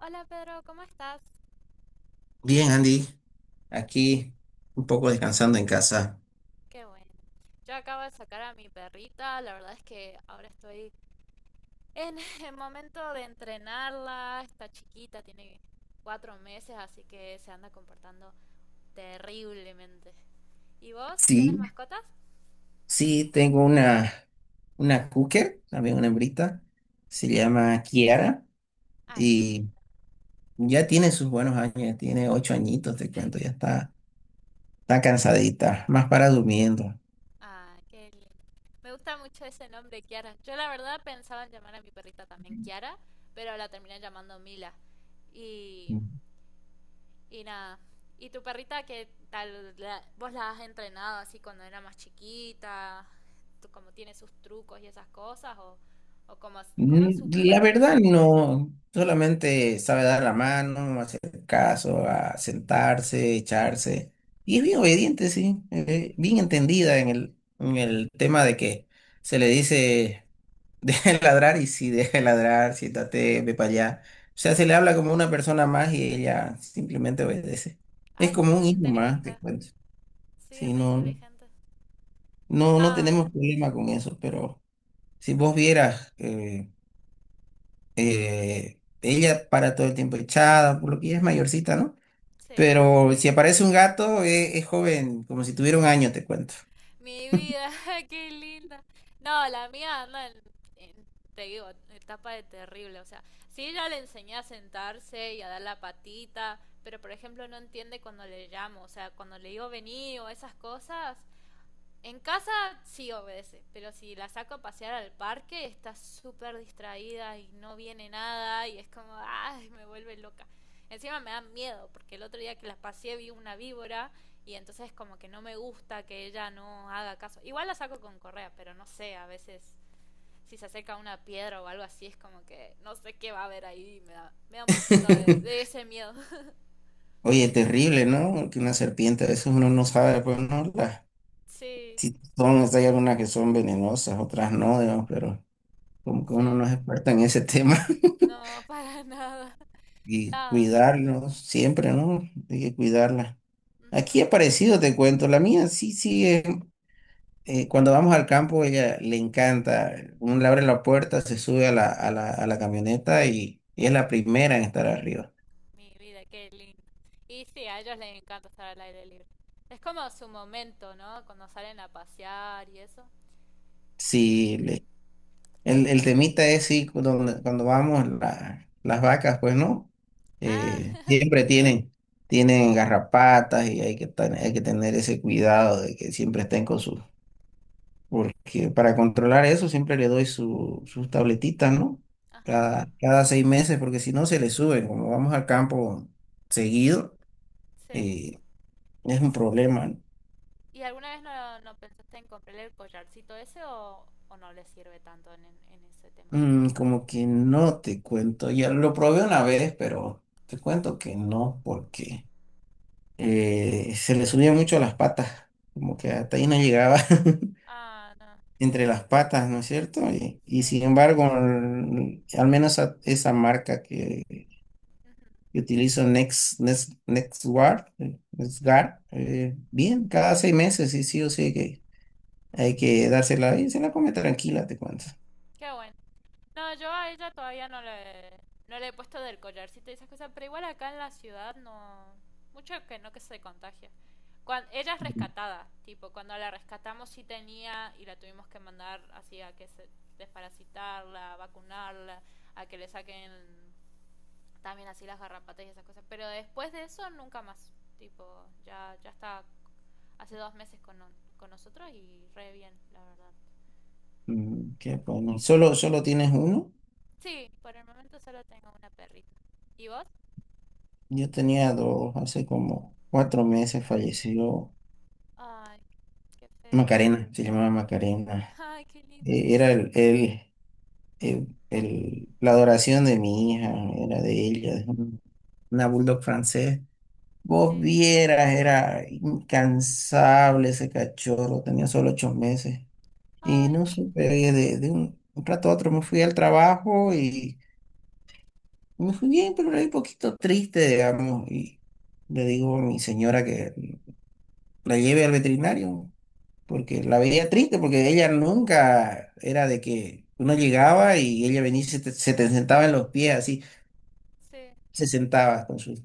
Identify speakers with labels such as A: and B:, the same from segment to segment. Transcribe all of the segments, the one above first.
A: Hola Pedro, ¿cómo estás?
B: Bien, Andy, aquí un poco descansando en casa.
A: Qué bueno. Yo acabo de sacar a mi perrita, la verdad es que ahora estoy en el momento de entrenarla, está chiquita, tiene 4 meses, así que se anda comportando terriblemente. ¿Y vos? ¿Tenés
B: Sí,
A: mascotas?
B: Sí, tengo una cooker, también una hembrita, se
A: Ajá.
B: llama Kiara
A: Ay, qué lindo.
B: y ya tiene sus buenos años, ya tiene 8 añitos, te cuento, ya está, está cansadita, más para durmiendo.
A: Ay, qué lindo. Me gusta mucho ese nombre, Kiara. Yo la verdad pensaba en llamar a mi perrita también Kiara, pero la terminé llamando Mila. Y Y nada. ¿Y tu perrita qué tal? ¿Vos la has entrenado así cuando era más chiquita? ¿Cómo tiene sus trucos y esas cosas? ¿O cómo, cómo es su
B: La
A: personalidad?
B: verdad no, solamente sabe dar la mano, hacer caso, a sentarse, echarse. Y es bien obediente, sí, bien entendida en el tema de que se le dice deja de ladrar y si deja de ladrar, siéntate, ve para allá. O sea, se le habla como una persona más y ella simplemente obedece. Es
A: Ah, es
B: como un
A: re
B: hijo más,
A: inteligente.
B: te cuento.
A: Sí, es
B: Sí,
A: re
B: no,
A: inteligente.
B: no, no
A: No,
B: tenemos problema con eso, pero si vos vieras... ella para todo el tiempo echada, por lo que ella es mayorcita, ¿no?
A: sí.
B: Pero si aparece un gato, es joven, como si tuviera un año, te cuento.
A: Mi vida, qué linda. No, la mía anda en, en- te digo, etapa de terrible. O sea, sí, ella le enseñé a sentarse y a dar la patita, pero por ejemplo no entiende cuando le llamo. O sea, cuando le digo vení o esas cosas, en casa sí obedece, pero si la saco a pasear al parque está súper distraída y no viene nada y es como, ay, me vuelve loca. Encima me da miedo, porque el otro día que la paseé vi una víbora y entonces como que no me gusta que ella no haga caso. Igual la saco con correa, pero no sé, a veces si se acerca a una piedra o algo así es como que no sé qué va a haber ahí, me da un poquito de ese miedo.
B: Oye, terrible, ¿no? Que una serpiente, a veces uno no sabe, pues, ¿no? Las-
A: Sí,
B: si son, si hay algunas que son venenosas, otras no, digamos, pero como que
A: sí,
B: uno no es experto en ese tema.
A: no, para nada,
B: Y
A: nada.
B: cuidarlos siempre, ¿no? Hay que cuidarla.
A: Ujú.
B: Aquí ha aparecido, te cuento, la mía sí sigue cuando vamos al campo, ella le encanta. Uno le abre la puerta, se sube a la camioneta y es la primera en estar arriba.
A: Mi vida, qué lindo. Y sí, a ellos les encanta estar al aire libre. Es como su momento, ¿no? Cuando salen a pasear y eso. Y...
B: Sí, le- el temita es sí, cuando vamos, la- las vacas, pues no,
A: Ah,
B: Siempre tienen, tienen garrapatas y hay que, tan- hay que tener ese cuidado de que siempre estén con su... Porque para controlar eso siempre le doy su, sus tabletitas, ¿no?
A: ajá,
B: Cada 6 meses, porque si no se le suben, como vamos al campo seguido
A: sí.
B: eh, es un problema.
A: ¿Y alguna vez no pensaste en comprarle el collarcito ese o no le sirve tanto en ese tema?
B: Como que no te cuento. Ya lo probé una vez, pero te cuento que no, porque se le subía mucho a las patas. Como que hasta ahí no llegaba
A: Ah, no,
B: entre las patas, ¿no es cierto? Y
A: sí.
B: sin embargo, al menos a- esa marca
A: Ujú.
B: que utilizo, NextGuard, NextGuard, bien, cada 6 meses, sí, sí o sí que hay que dársela y se la come tranquila, te cuento.
A: Qué bueno. No, yo a ella todavía no le he puesto del collarcito y esas cosas, pero igual acá en la ciudad no. Mucho que no que se contagia. Ella es
B: Mm.
A: rescatada, tipo, cuando la rescatamos sí tenía y la tuvimos que mandar así a que se desparasitarla, a vacunarla, a que le saquen también así las garrapatas y esas cosas. Pero después de eso nunca más, tipo, ya, ya está hace 2 meses con, no- con nosotros y re bien, la verdad.
B: Qué bueno. ¿Solo tienes uno?
A: Sí, por el momento solo tengo una perrita. ¿Y vos?
B: Yo tenía dos, hace como 4 meses falleció.
A: Ay, qué feo.
B: Macarena, se llamaba Macarena.
A: Ay, qué lindo, no.
B: Era la adoración de mi hija, era de ella, de una bulldog francés.
A: Sí.
B: Vos vieras, era incansable ese cachorro, tenía solo 8 meses. Y
A: Ay,
B: no supe, oye, de un rato a otro me fui al trabajo y me fui bien, pero era un poquito triste, digamos. Y le digo a mi señora que la lleve al veterinario. Porque
A: sí,
B: la veía triste, porque ella nunca era de que uno llegaba y ella venía y se te sentaba en los pies, así,
A: sí,
B: se sentaba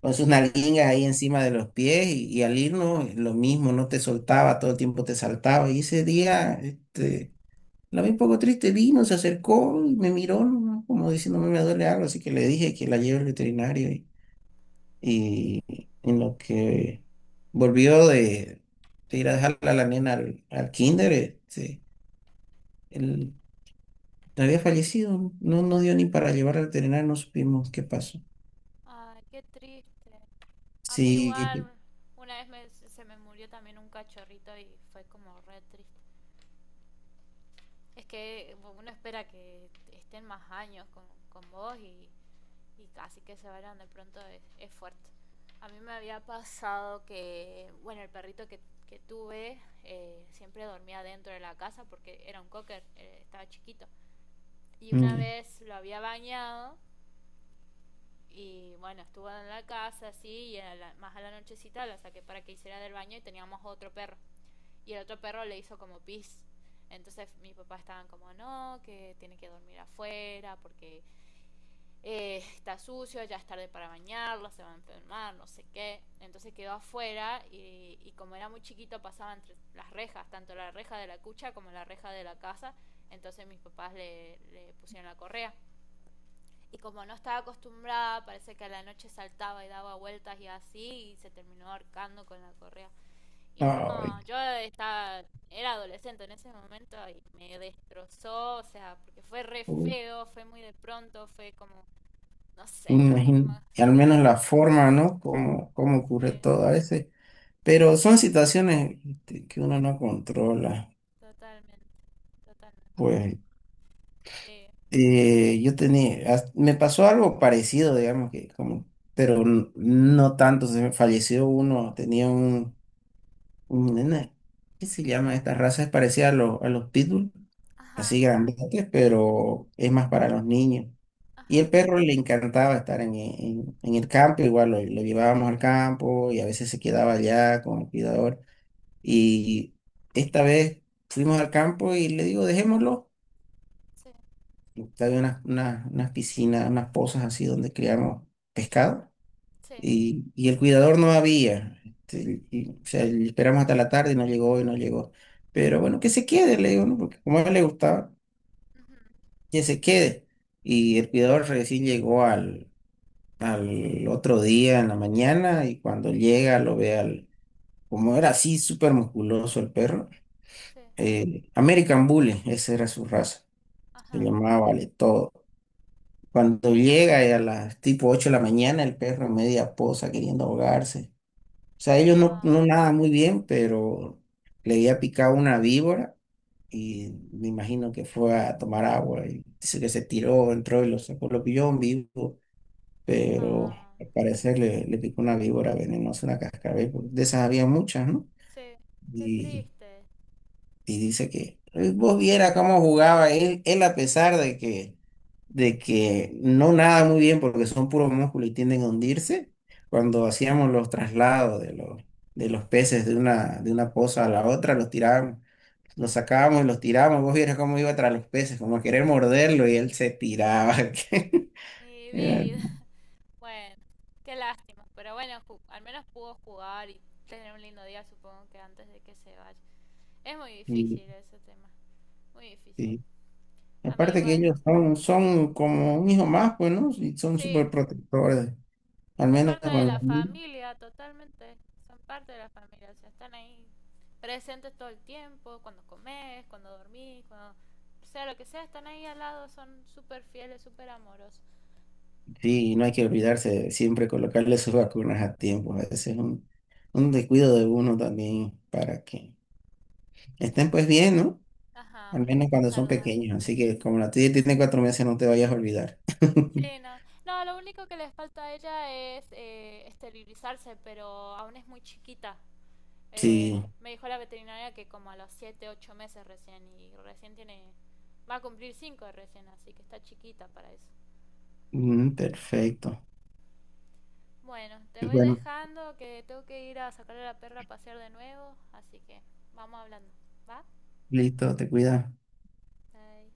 B: con sus
A: qué feo.
B: nalguingas ahí encima de los pies y al irnos lo mismo, no te soltaba, todo el tiempo te saltaba y ese día, la vi un poco triste, vino, se acercó y me miró, ¿no? Como diciéndome me duele algo, así que le dije que la lleve al veterinario y en lo que volvió de ir a dejarla a la nena al kinder, él había fallecido, no, no dio ni para llevar al veterinario, no supimos qué pasó.
A: Ay, qué triste. A mí igual,
B: Sí,
A: una vez se me murió también un cachorrito y fue como re triste. Es que bueno, uno espera que estén más años con, con vos, y casi que se vayan de pronto es, fuerte. A mí me había pasado que, bueno, el perrito que tuve siempre dormía dentro de la casa porque era un cocker, estaba chiquito. Y una
B: mm,
A: vez lo había bañado y bueno, estuvo en la casa así y más a la nochecita la saqué para que hiciera del baño y teníamos otro perro. Y el otro perro le hizo como pis. Entonces mis papás estaban como, no, que tiene que dormir afuera porque está sucio, ya es tarde para bañarlo, se va a enfermar, no sé qué. Entonces quedó afuera y como era muy chiquito pasaba entre las rejas, tanto la reja de la cucha como la reja de la casa. Entonces mis papás le pusieron la correa. Y como no estaba acostumbrada, parece que a la noche saltaba y daba vueltas y así, y se terminó ahorcando con la correa. Y
B: ay,
A: no, yo estaba, era adolescente en ese momento y me destrozó, o sea, porque fue re
B: u-
A: feo, fue muy de pronto, fue como, no sé, como,
B: imagín- y al menos
A: fue-
B: la forma, ¿no? Como, como ocurre
A: sí,
B: todo a veces. Pero son situaciones que uno no controla.
A: totalmente, totalmente,
B: Pues
A: sí,
B: yo tenía, as- me pasó algo parecido, digamos que como, pero n- no tanto, se me falleció uno, tenía un nena, ¿qué se llama? Esta raza es parecida a los pitbull, así
A: ajá,
B: grandotes, pero es más para los niños. Y
A: ajá,
B: el perro le encantaba estar en el campo, igual lo llevábamos al campo y a veces se quedaba allá con el cuidador. Y esta vez fuimos al campo y le digo, dejémoslo.
A: sí,
B: Había unas, unas, unas piscinas, unas pozas así donde criamos pescado
A: sí,
B: y el cuidador no había. Y, o sea, y esperamos hasta la tarde y no llegó y no llegó. Pero bueno, que se quede, le digo, ¿no? Porque como a él le gustaba,
A: ujú,
B: que se quede. Y el cuidador recién llegó al, al otro día en la mañana y cuando llega lo ve al, como era así, súper musculoso el perro.
A: sí,
B: American Bully, esa era su raza. Se
A: ajá,
B: llamaba Vale Todo. Cuando llega y a las tipo 8 de la mañana, el perro en media posa queriendo ahogarse. O sea, ellos
A: ah,
B: no nadan muy bien, pero le había picado una víbora y me imagino que fue a tomar agua. Y dice que se tiró, entró y lo sacó, lo pilló en vivo, pero
A: ah,
B: al parecer le picó una víbora venenosa, una cascabel, porque de esas había muchas, ¿no?
A: sí, qué
B: Y
A: triste,
B: y dice que vos viera cómo jugaba él, él a pesar de que no nada muy bien porque son puros músculos y tienden a hundirse, cuando
A: sí.
B: hacíamos los traslados de los peces de una poza a la otra, los tirábamos, los sacábamos y los tirábamos, vos vieras cómo iba tras los peces, como a querer morderlo y él se tiraba.
A: Mi
B: Era-
A: vida. Bueno, qué lástima. Pero bueno, al menos pudo jugar y tener un lindo día, supongo que antes de que se vaya. Es muy
B: y,
A: difícil ese tema. Muy difícil.
B: y
A: A mí
B: aparte que
A: igual.
B: ellos son, son como un hijo más, pues, ¿no? Y son
A: Sí,
B: súper protectores, al
A: son
B: menos
A: parte de
B: con
A: la
B: los niños.
A: familia, totalmente. Son parte de la familia. O sea, están ahí presentes todo el tiempo, cuando comes, cuando dormís, cuando. Sea lo que sea, están ahí al lado, son súper fieles, súper amorosos.
B: Sí, no hay que olvidarse de siempre colocarle sus vacunas a tiempo. A veces es un descuido de uno también para que estén pues bien, ¿no?
A: Ajá,
B: Al
A: para que
B: menos
A: estén
B: cuando son
A: saludables.
B: pequeños. Así que como la tuya tiene 4 meses, no te vayas a olvidar.
A: Sí, no. No, lo único que les falta a ella es esterilizarse, pero aún es muy chiquita.
B: Sí,
A: Me dijo la veterinaria que como a los 7, 8 meses recién y recién tiene. Va a cumplir 5 recién, así que está chiquita para eso.
B: mm, perfecto.
A: Bueno, te voy
B: Bueno,
A: dejando que tengo que ir a sacar a la perra a pasear de nuevo, así que vamos hablando. ¿Va?
B: listo, te cuida.
A: Bye.